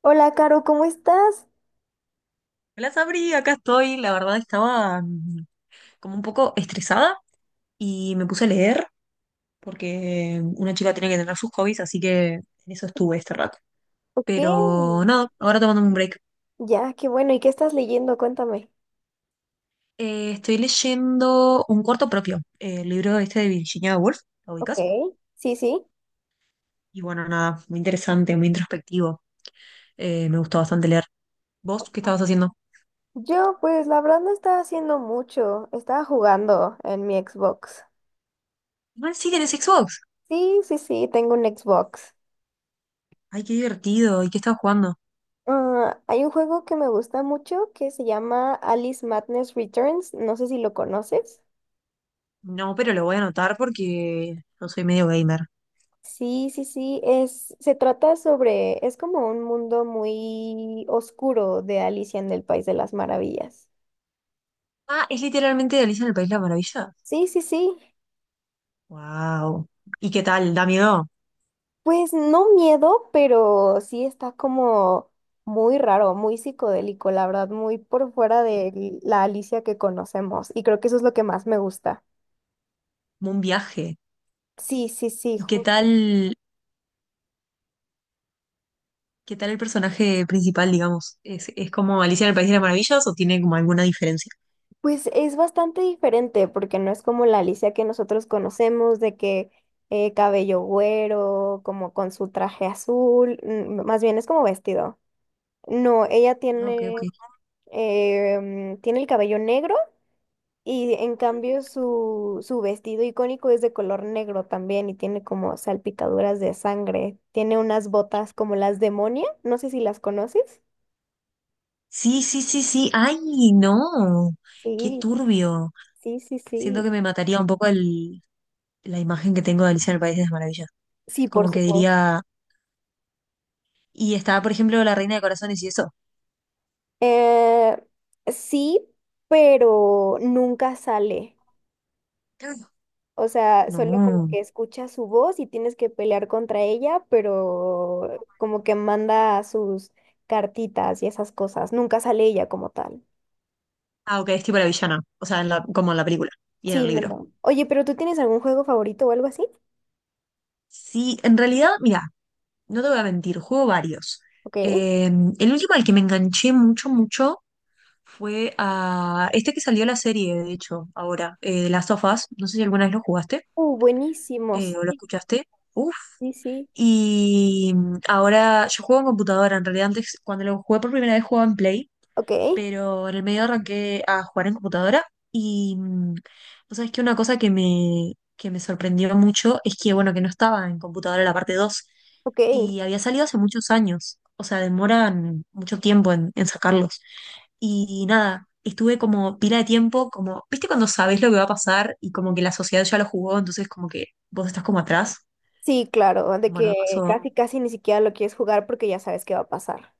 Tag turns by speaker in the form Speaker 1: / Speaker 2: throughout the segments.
Speaker 1: Hola, Caro, ¿cómo estás?
Speaker 2: Me Las abrí, acá estoy. La verdad estaba como un poco estresada y me puse a leer porque una chica tiene que tener sus hobbies, así que en eso estuve este rato.
Speaker 1: Ok.
Speaker 2: Pero nada, ahora tomando un break.
Speaker 1: Ya, qué bueno. ¿Y qué estás leyendo? Cuéntame.
Speaker 2: Estoy leyendo Un cuarto propio, el libro este de Virginia Woolf, ¿lo ubicas?
Speaker 1: Ok. Sí, sí.
Speaker 2: Y bueno, nada, muy interesante, muy introspectivo. Me gustó bastante leer. ¿Vos qué estabas haciendo?
Speaker 1: Yo, pues, la verdad no estaba haciendo mucho. Estaba jugando en mi Xbox.
Speaker 2: Igual sí tenés Xbox.
Speaker 1: Sí, sí, sí, tengo un Xbox.
Speaker 2: Ay, qué divertido. ¿Y qué estabas jugando?
Speaker 1: Ah, hay un juego que me gusta mucho que se llama Alice Madness Returns. No sé si lo conoces.
Speaker 2: No, pero lo voy a anotar porque yo soy medio gamer.
Speaker 1: Sí, sí, sí, se trata sobre, es como un mundo muy oscuro de Alicia en el País de las Maravillas.
Speaker 2: Ah, es literalmente de Alicia en el País de las Maravillas.
Speaker 1: Sí, sí, sí.
Speaker 2: Wow. ¿Y qué tal? ¿Da miedo?
Speaker 1: Pues no miedo, pero sí está como muy raro, muy psicodélico, la verdad, muy por fuera
Speaker 2: Sí.
Speaker 1: de la Alicia que conocemos. Y creo que eso es lo que más me gusta.
Speaker 2: Como un viaje.
Speaker 1: Sí, sí, sí.
Speaker 2: ¿Y
Speaker 1: ju-
Speaker 2: qué tal el personaje principal, digamos? Es como Alicia en el País de las Maravillas o tiene como alguna diferencia?
Speaker 1: Pues es bastante diferente porque no es como la Alicia que nosotros conocemos, de que cabello güero, como con su traje azul, más bien es como vestido. No, ella
Speaker 2: Ah, ok,
Speaker 1: tiene,
Speaker 2: ok.
Speaker 1: tiene el cabello negro. Y en
Speaker 2: Ujú.
Speaker 1: cambio su, su vestido icónico es de color negro también y tiene como salpicaduras de sangre. Tiene unas botas como las demonia, no sé si las conoces.
Speaker 2: Sí, sí, sí, sí. ¡Ay, no! ¡Qué
Speaker 1: Sí,
Speaker 2: turbio!
Speaker 1: sí, sí, sí.
Speaker 2: Siento que me mataría un poco el, la imagen que tengo de Alicia en el País de las Maravillas.
Speaker 1: Sí, por
Speaker 2: Como que
Speaker 1: supuesto.
Speaker 2: diría, y estaba, por ejemplo, la Reina de Corazones y eso.
Speaker 1: Eh, sí, pero nunca sale. O sea, solo como
Speaker 2: No.
Speaker 1: que escuchas su voz y tienes que pelear contra ella, pero como que manda sus cartitas y esas cosas. Nunca sale ella como tal.
Speaker 2: Ah, ok, es tipo la villana, o sea, como en la película y en
Speaker 1: Sí,
Speaker 2: el
Speaker 1: no,
Speaker 2: libro.
Speaker 1: no. Oye, pero ¿tú tienes algún juego favorito o algo así?
Speaker 2: Sí, en realidad, mira, no te voy a mentir, juego varios.
Speaker 1: Ok.
Speaker 2: Eh, el último al que me enganché mucho, fue a este que salió la serie, de hecho, ahora, Las sofás. No sé si alguna vez lo jugaste
Speaker 1: Buenísimos.
Speaker 2: o lo
Speaker 1: Sí,
Speaker 2: escuchaste. Uf.
Speaker 1: sí, sí.
Speaker 2: Y ahora yo juego en computadora, en realidad antes, cuando lo jugué por primera vez, jugaba en Play,
Speaker 1: Ok,
Speaker 2: pero en el medio arranqué a jugar en computadora y vos sabés que una cosa que que me sorprendió mucho es que, bueno, que no estaba en computadora la parte 2
Speaker 1: ok.
Speaker 2: y había salido hace muchos años, o sea, demoran mucho tiempo en sacarlos. Y nada, estuve como pila de tiempo, como, ¿viste cuando sabés lo que va a pasar y como que la sociedad ya lo jugó, entonces como que vos estás como atrás?
Speaker 1: Sí, claro, de
Speaker 2: Bueno, me
Speaker 1: que
Speaker 2: pasó.
Speaker 1: casi, casi ni siquiera lo quieres jugar porque ya sabes qué va a pasar.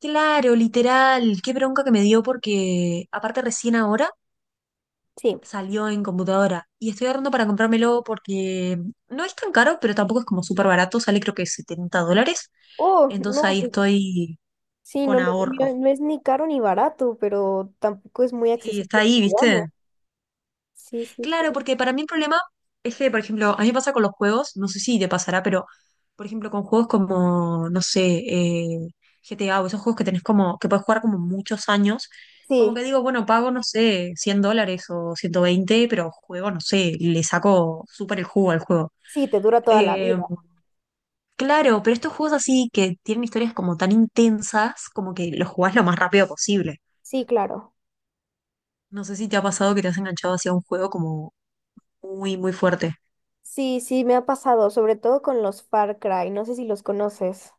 Speaker 2: Claro, literal, qué bronca que me dio porque aparte recién ahora
Speaker 1: Sí.
Speaker 2: salió en computadora y estoy ahorrando para comprármelo porque no es tan caro, pero tampoco es como súper barato, sale creo que 70 dólares,
Speaker 1: Oh,
Speaker 2: entonces
Speaker 1: no,
Speaker 2: ahí
Speaker 1: pues
Speaker 2: estoy
Speaker 1: sí,
Speaker 2: con
Speaker 1: no, no,
Speaker 2: ahorro.
Speaker 1: no es ni caro ni barato, pero tampoco es muy
Speaker 2: Sí, está
Speaker 1: accesible que
Speaker 2: ahí,
Speaker 1: digamos.
Speaker 2: ¿viste?
Speaker 1: Sí, sí,
Speaker 2: Claro,
Speaker 1: sí.
Speaker 2: porque para mí el problema es que, por ejemplo, a mí me pasa con los juegos, no sé si te pasará, pero, por ejemplo, con juegos como, no sé, GTA o esos juegos que tenés como, que puedes jugar como muchos años, como
Speaker 1: Sí,
Speaker 2: que digo, bueno, pago, no sé, 100 dólares o 120 pero juego, no sé, le saco súper el jugo al juego.
Speaker 1: sí, te dura toda la vida.
Speaker 2: Eh, Claro, pero estos juegos así que tienen historias como tan intensas, como que los jugás lo más rápido posible.
Speaker 1: Sí, claro.
Speaker 2: No sé si te ha pasado que te has enganchado hacia un juego como muy, muy fuerte.
Speaker 1: Sí, sí, me ha pasado, sobre todo con los Far Cry. No sé si los conoces.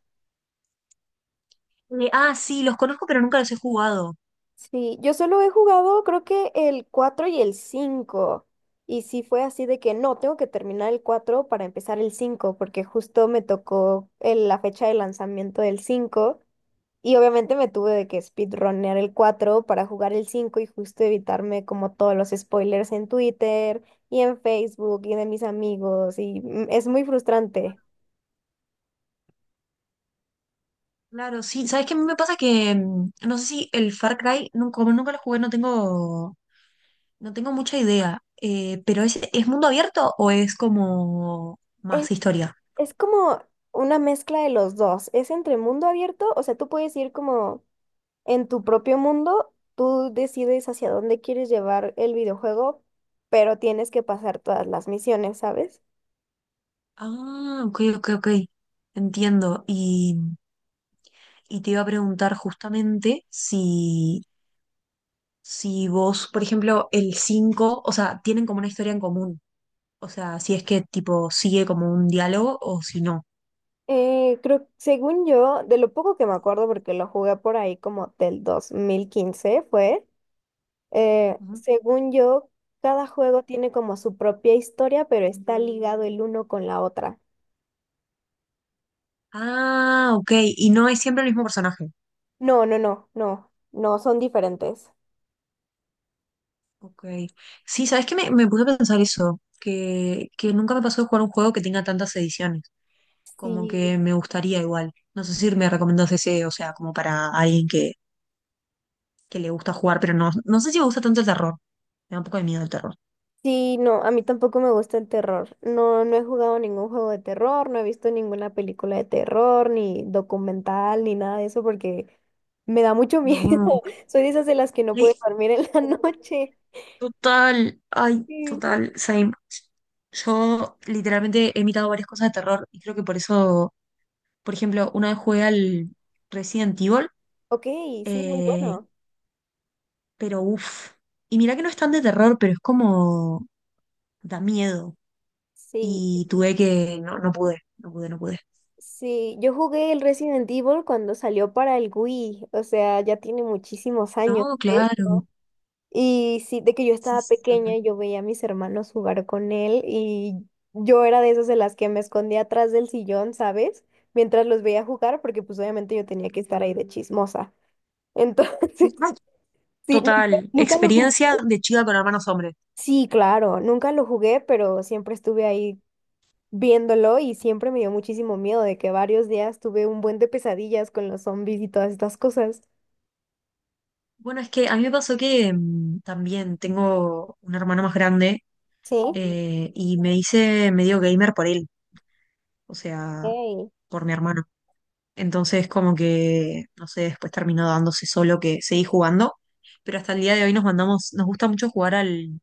Speaker 2: Ah, sí, los conozco, pero nunca los he jugado.
Speaker 1: Sí, yo solo he jugado creo que el 4 y el cinco. Y sí fue así de que no, tengo que terminar el 4 para empezar el 5 porque justo me tocó la fecha de lanzamiento del cinco. Y obviamente me tuve de que speedrunner el 4 para jugar el 5 y justo evitarme como todos los spoilers en Twitter y en Facebook y de mis amigos. Y es muy frustrante.
Speaker 2: Claro, sí. ¿Sabes qué? A mí me pasa que no sé si el Far Cry, como nunca lo jugué, no tengo, no tengo mucha idea. Pero es mundo abierto o es como
Speaker 1: Es,
Speaker 2: más historia?
Speaker 1: es como una mezcla de los dos. Es entre mundo abierto, o sea, tú puedes ir como en tu propio mundo, tú decides hacia dónde quieres llevar el videojuego, pero tienes que pasar todas las misiones, ¿sabes?
Speaker 2: Ah, ok, ok, ok. Entiendo. Y te iba a preguntar justamente si si vos, por ejemplo, el 5 o sea, tienen como una historia en común. O sea, si es que tipo sigue como un diálogo o si no.
Speaker 1: Creo, según yo, de lo poco que me acuerdo, porque lo jugué por ahí como del 2015, fue,
Speaker 2: Ujú.
Speaker 1: según yo, cada juego tiene como su propia historia, pero está ligado el uno con la otra.
Speaker 2: Ah, ok. Y no es siempre el mismo personaje.
Speaker 1: No, no, no, no, no, son diferentes.
Speaker 2: Ok. Sí, ¿sabes qué? Me puse a pensar eso, que nunca me pasó de jugar un juego que tenga tantas ediciones. Como que me gustaría igual. No sé si me recomendás ese, o sea, como para alguien que le gusta jugar, pero no, no sé si me gusta tanto el terror. Me da un poco de miedo el terror.
Speaker 1: Sí, no, a mí tampoco me gusta el terror. No, no he jugado ningún juego de terror, no he visto ninguna película de terror, ni documental, ni nada de eso, porque me da mucho miedo.
Speaker 2: No.
Speaker 1: Soy de esas de las que no puede
Speaker 2: Ay,
Speaker 1: dormir en la noche.
Speaker 2: total, ay,
Speaker 1: Sí.
Speaker 2: total, same. Yo literalmente he imitado varias cosas de terror y creo que por eso, por ejemplo, una vez jugué al Resident Evil,
Speaker 1: Ok, sí, muy
Speaker 2: eh,
Speaker 1: bueno.
Speaker 2: pero uff. Y mirá que no es tan de terror, pero es como da miedo.
Speaker 1: Sí,
Speaker 2: Y tuve que, no, no pude, no pude, no pude.
Speaker 1: sí, yo jugué el Resident Evil cuando salió para el Wii, o sea, ya tiene muchísimos años.
Speaker 2: No, claro.
Speaker 1: Y sí, de que yo
Speaker 2: Sí,
Speaker 1: estaba
Speaker 2: sí,
Speaker 1: pequeña,
Speaker 2: total.
Speaker 1: yo veía a mis hermanos jugar con él y yo era de esas de las que me escondía atrás del sillón, ¿sabes? Mientras los veía jugar, porque pues obviamente yo tenía que estar ahí de chismosa. Entonces,
Speaker 2: Ay,
Speaker 1: sí, nunca,
Speaker 2: total,
Speaker 1: nunca lo
Speaker 2: experiencia
Speaker 1: jugué.
Speaker 2: de chica con hermanos hombres.
Speaker 1: Sí, claro, nunca lo jugué, pero siempre estuve ahí viéndolo y siempre me dio muchísimo miedo de que varios días tuve un buen de pesadillas con los zombies y todas estas cosas.
Speaker 2: Bueno, es que a mí me pasó que también tengo un hermano más grande
Speaker 1: Sí.
Speaker 2: y me hice medio gamer por él, o sea,
Speaker 1: Ok.
Speaker 2: por mi hermano. Entonces, como que, no sé, después terminó dándose solo que seguí jugando, pero hasta el día de hoy nos mandamos, nos gusta mucho jugar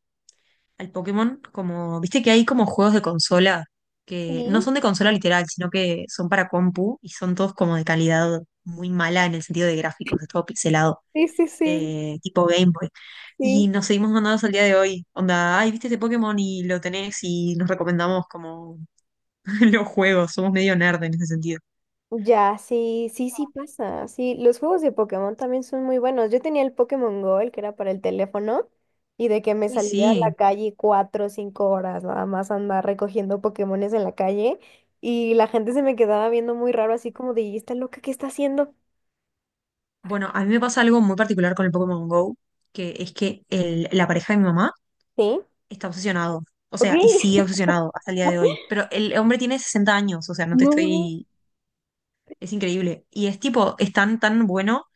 Speaker 2: al Pokémon, como, viste que hay como juegos de consola que no
Speaker 1: Sí.
Speaker 2: son de consola literal, sino que son para compu y son todos como de calidad muy mala en el sentido de gráficos, es todo pixelado, tipo Game Boy. Y
Speaker 1: Sí.
Speaker 2: nos seguimos mandando hasta el día de hoy. Onda, ay, viste este Pokémon y lo tenés y nos recomendamos como los juegos. Somos medio nerd en ese sentido.
Speaker 1: Ya, sí, sí, sí pasa. Sí, los juegos de Pokémon también son muy buenos. Yo tenía el Pokémon Go, el que era para el teléfono, y de que me
Speaker 2: Uy,
Speaker 1: salía a la
Speaker 2: sí.
Speaker 1: calle 4 o 5 horas nada más a andar recogiendo Pokémones en la calle, y la gente se me quedaba viendo muy raro, así como de, ¿y esta loca qué está haciendo?
Speaker 2: Bueno, a mí me pasa algo muy particular con el Pokémon Go, que es que la pareja de mi mamá
Speaker 1: Sí,
Speaker 2: está obsesionado. O
Speaker 1: ok.
Speaker 2: sea, y sigue obsesionado hasta el día de hoy. Pero el hombre tiene 60 años, o sea, no te
Speaker 1: No,
Speaker 2: estoy. Es increíble. Y es tipo, es tan bueno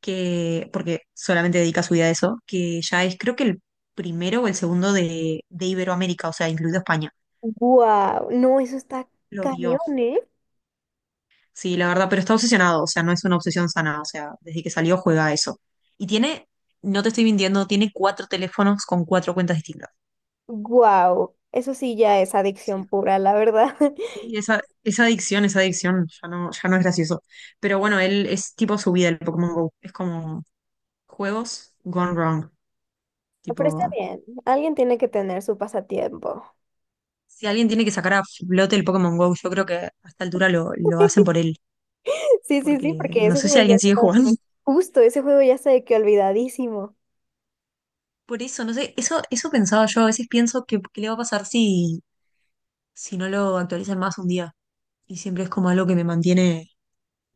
Speaker 2: que, porque solamente dedica su vida a eso, que ya es creo que el primero o el segundo de Iberoamérica, o sea, incluido España.
Speaker 1: wow, no, eso está
Speaker 2: Lo dio.
Speaker 1: cañón, ¿eh?
Speaker 2: Sí, la verdad, pero está obsesionado, o sea, no es una obsesión sana, o sea, desde que salió juega a eso. Y tiene, no te estoy mintiendo, tiene cuatro teléfonos con cuatro cuentas distintas.
Speaker 1: Wow, eso sí ya es adicción
Speaker 2: Sí.
Speaker 1: pura, la verdad.
Speaker 2: Sí, esa adicción, ya no es gracioso. Pero bueno, él es tipo su vida, el Pokémon Go. Es como juegos gone wrong.
Speaker 1: Pero está
Speaker 2: Tipo,
Speaker 1: bien, alguien tiene que tener su pasatiempo.
Speaker 2: si alguien tiene que sacar a flote el Pokémon Go, yo creo que a esta altura lo hacen por él,
Speaker 1: Sí, sí, sí,
Speaker 2: porque
Speaker 1: porque
Speaker 2: no
Speaker 1: ese
Speaker 2: sé si
Speaker 1: juego ya
Speaker 2: alguien sigue
Speaker 1: está,
Speaker 2: jugando.
Speaker 1: justo ese juego ya está de que olvidadísimo.
Speaker 2: Por eso, no sé, eso pensaba yo, a veces pienso que qué le va a pasar si, si no lo actualizan más un día. Y siempre es como algo que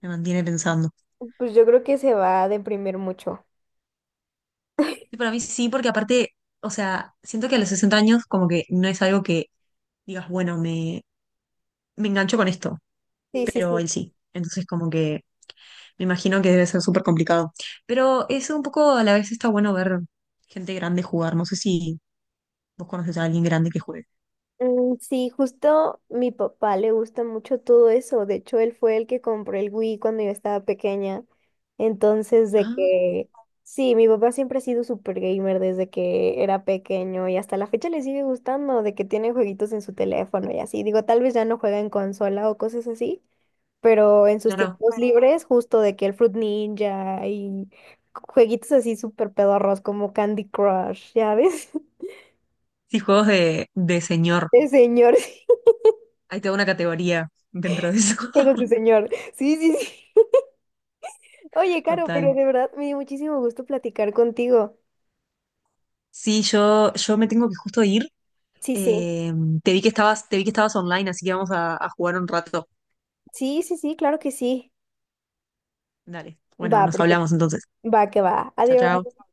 Speaker 2: me mantiene pensando.
Speaker 1: Pues yo creo que se va a deprimir mucho.
Speaker 2: Y para mí sí, porque aparte, o sea, siento que a los 60 años como que no es algo que digas, bueno, me engancho con esto,
Speaker 1: Sí, sí,
Speaker 2: pero
Speaker 1: sí.
Speaker 2: él sí. Entonces como que me imagino que debe ser súper complicado. Pero eso un poco a la vez está bueno ver gente grande jugar. No sé si vos conoces a alguien grande que juegue.
Speaker 1: Sí, justo mi papá le gusta mucho todo eso. De hecho, él fue el que compró el Wii cuando yo estaba pequeña. Entonces, de
Speaker 2: Ah,
Speaker 1: que sí, mi papá siempre ha sido super gamer desde que era pequeño y hasta la fecha le sigue gustando de que tiene jueguitos en su teléfono y así. Digo, tal vez ya no juega en consola o cosas así, pero en sus
Speaker 2: claro.
Speaker 1: tiempos libres, justo de que el Fruit Ninja y jueguitos así súper pedorros como Candy Crush, ¿ya ves?
Speaker 2: Sí, juegos de señor.
Speaker 1: De señor, sí,
Speaker 2: Hay toda una categoría dentro de eso.
Speaker 1: juegos de señor. Sí, sí, sí. Oye, Caro, pero
Speaker 2: Total.
Speaker 1: de verdad me dio muchísimo gusto platicar contigo.
Speaker 2: Sí, yo me tengo que justo ir.
Speaker 1: Sí, sí.
Speaker 2: Eh, Te vi que estabas, te vi que estabas online, así que vamos a jugar un rato.
Speaker 1: Sí, sí, sí, claro que sí.
Speaker 2: Dale. Bueno,
Speaker 1: Va,
Speaker 2: nos
Speaker 1: perfecto.
Speaker 2: hablamos entonces.
Speaker 1: Va, que va.
Speaker 2: Chao,
Speaker 1: Adiós.
Speaker 2: chao.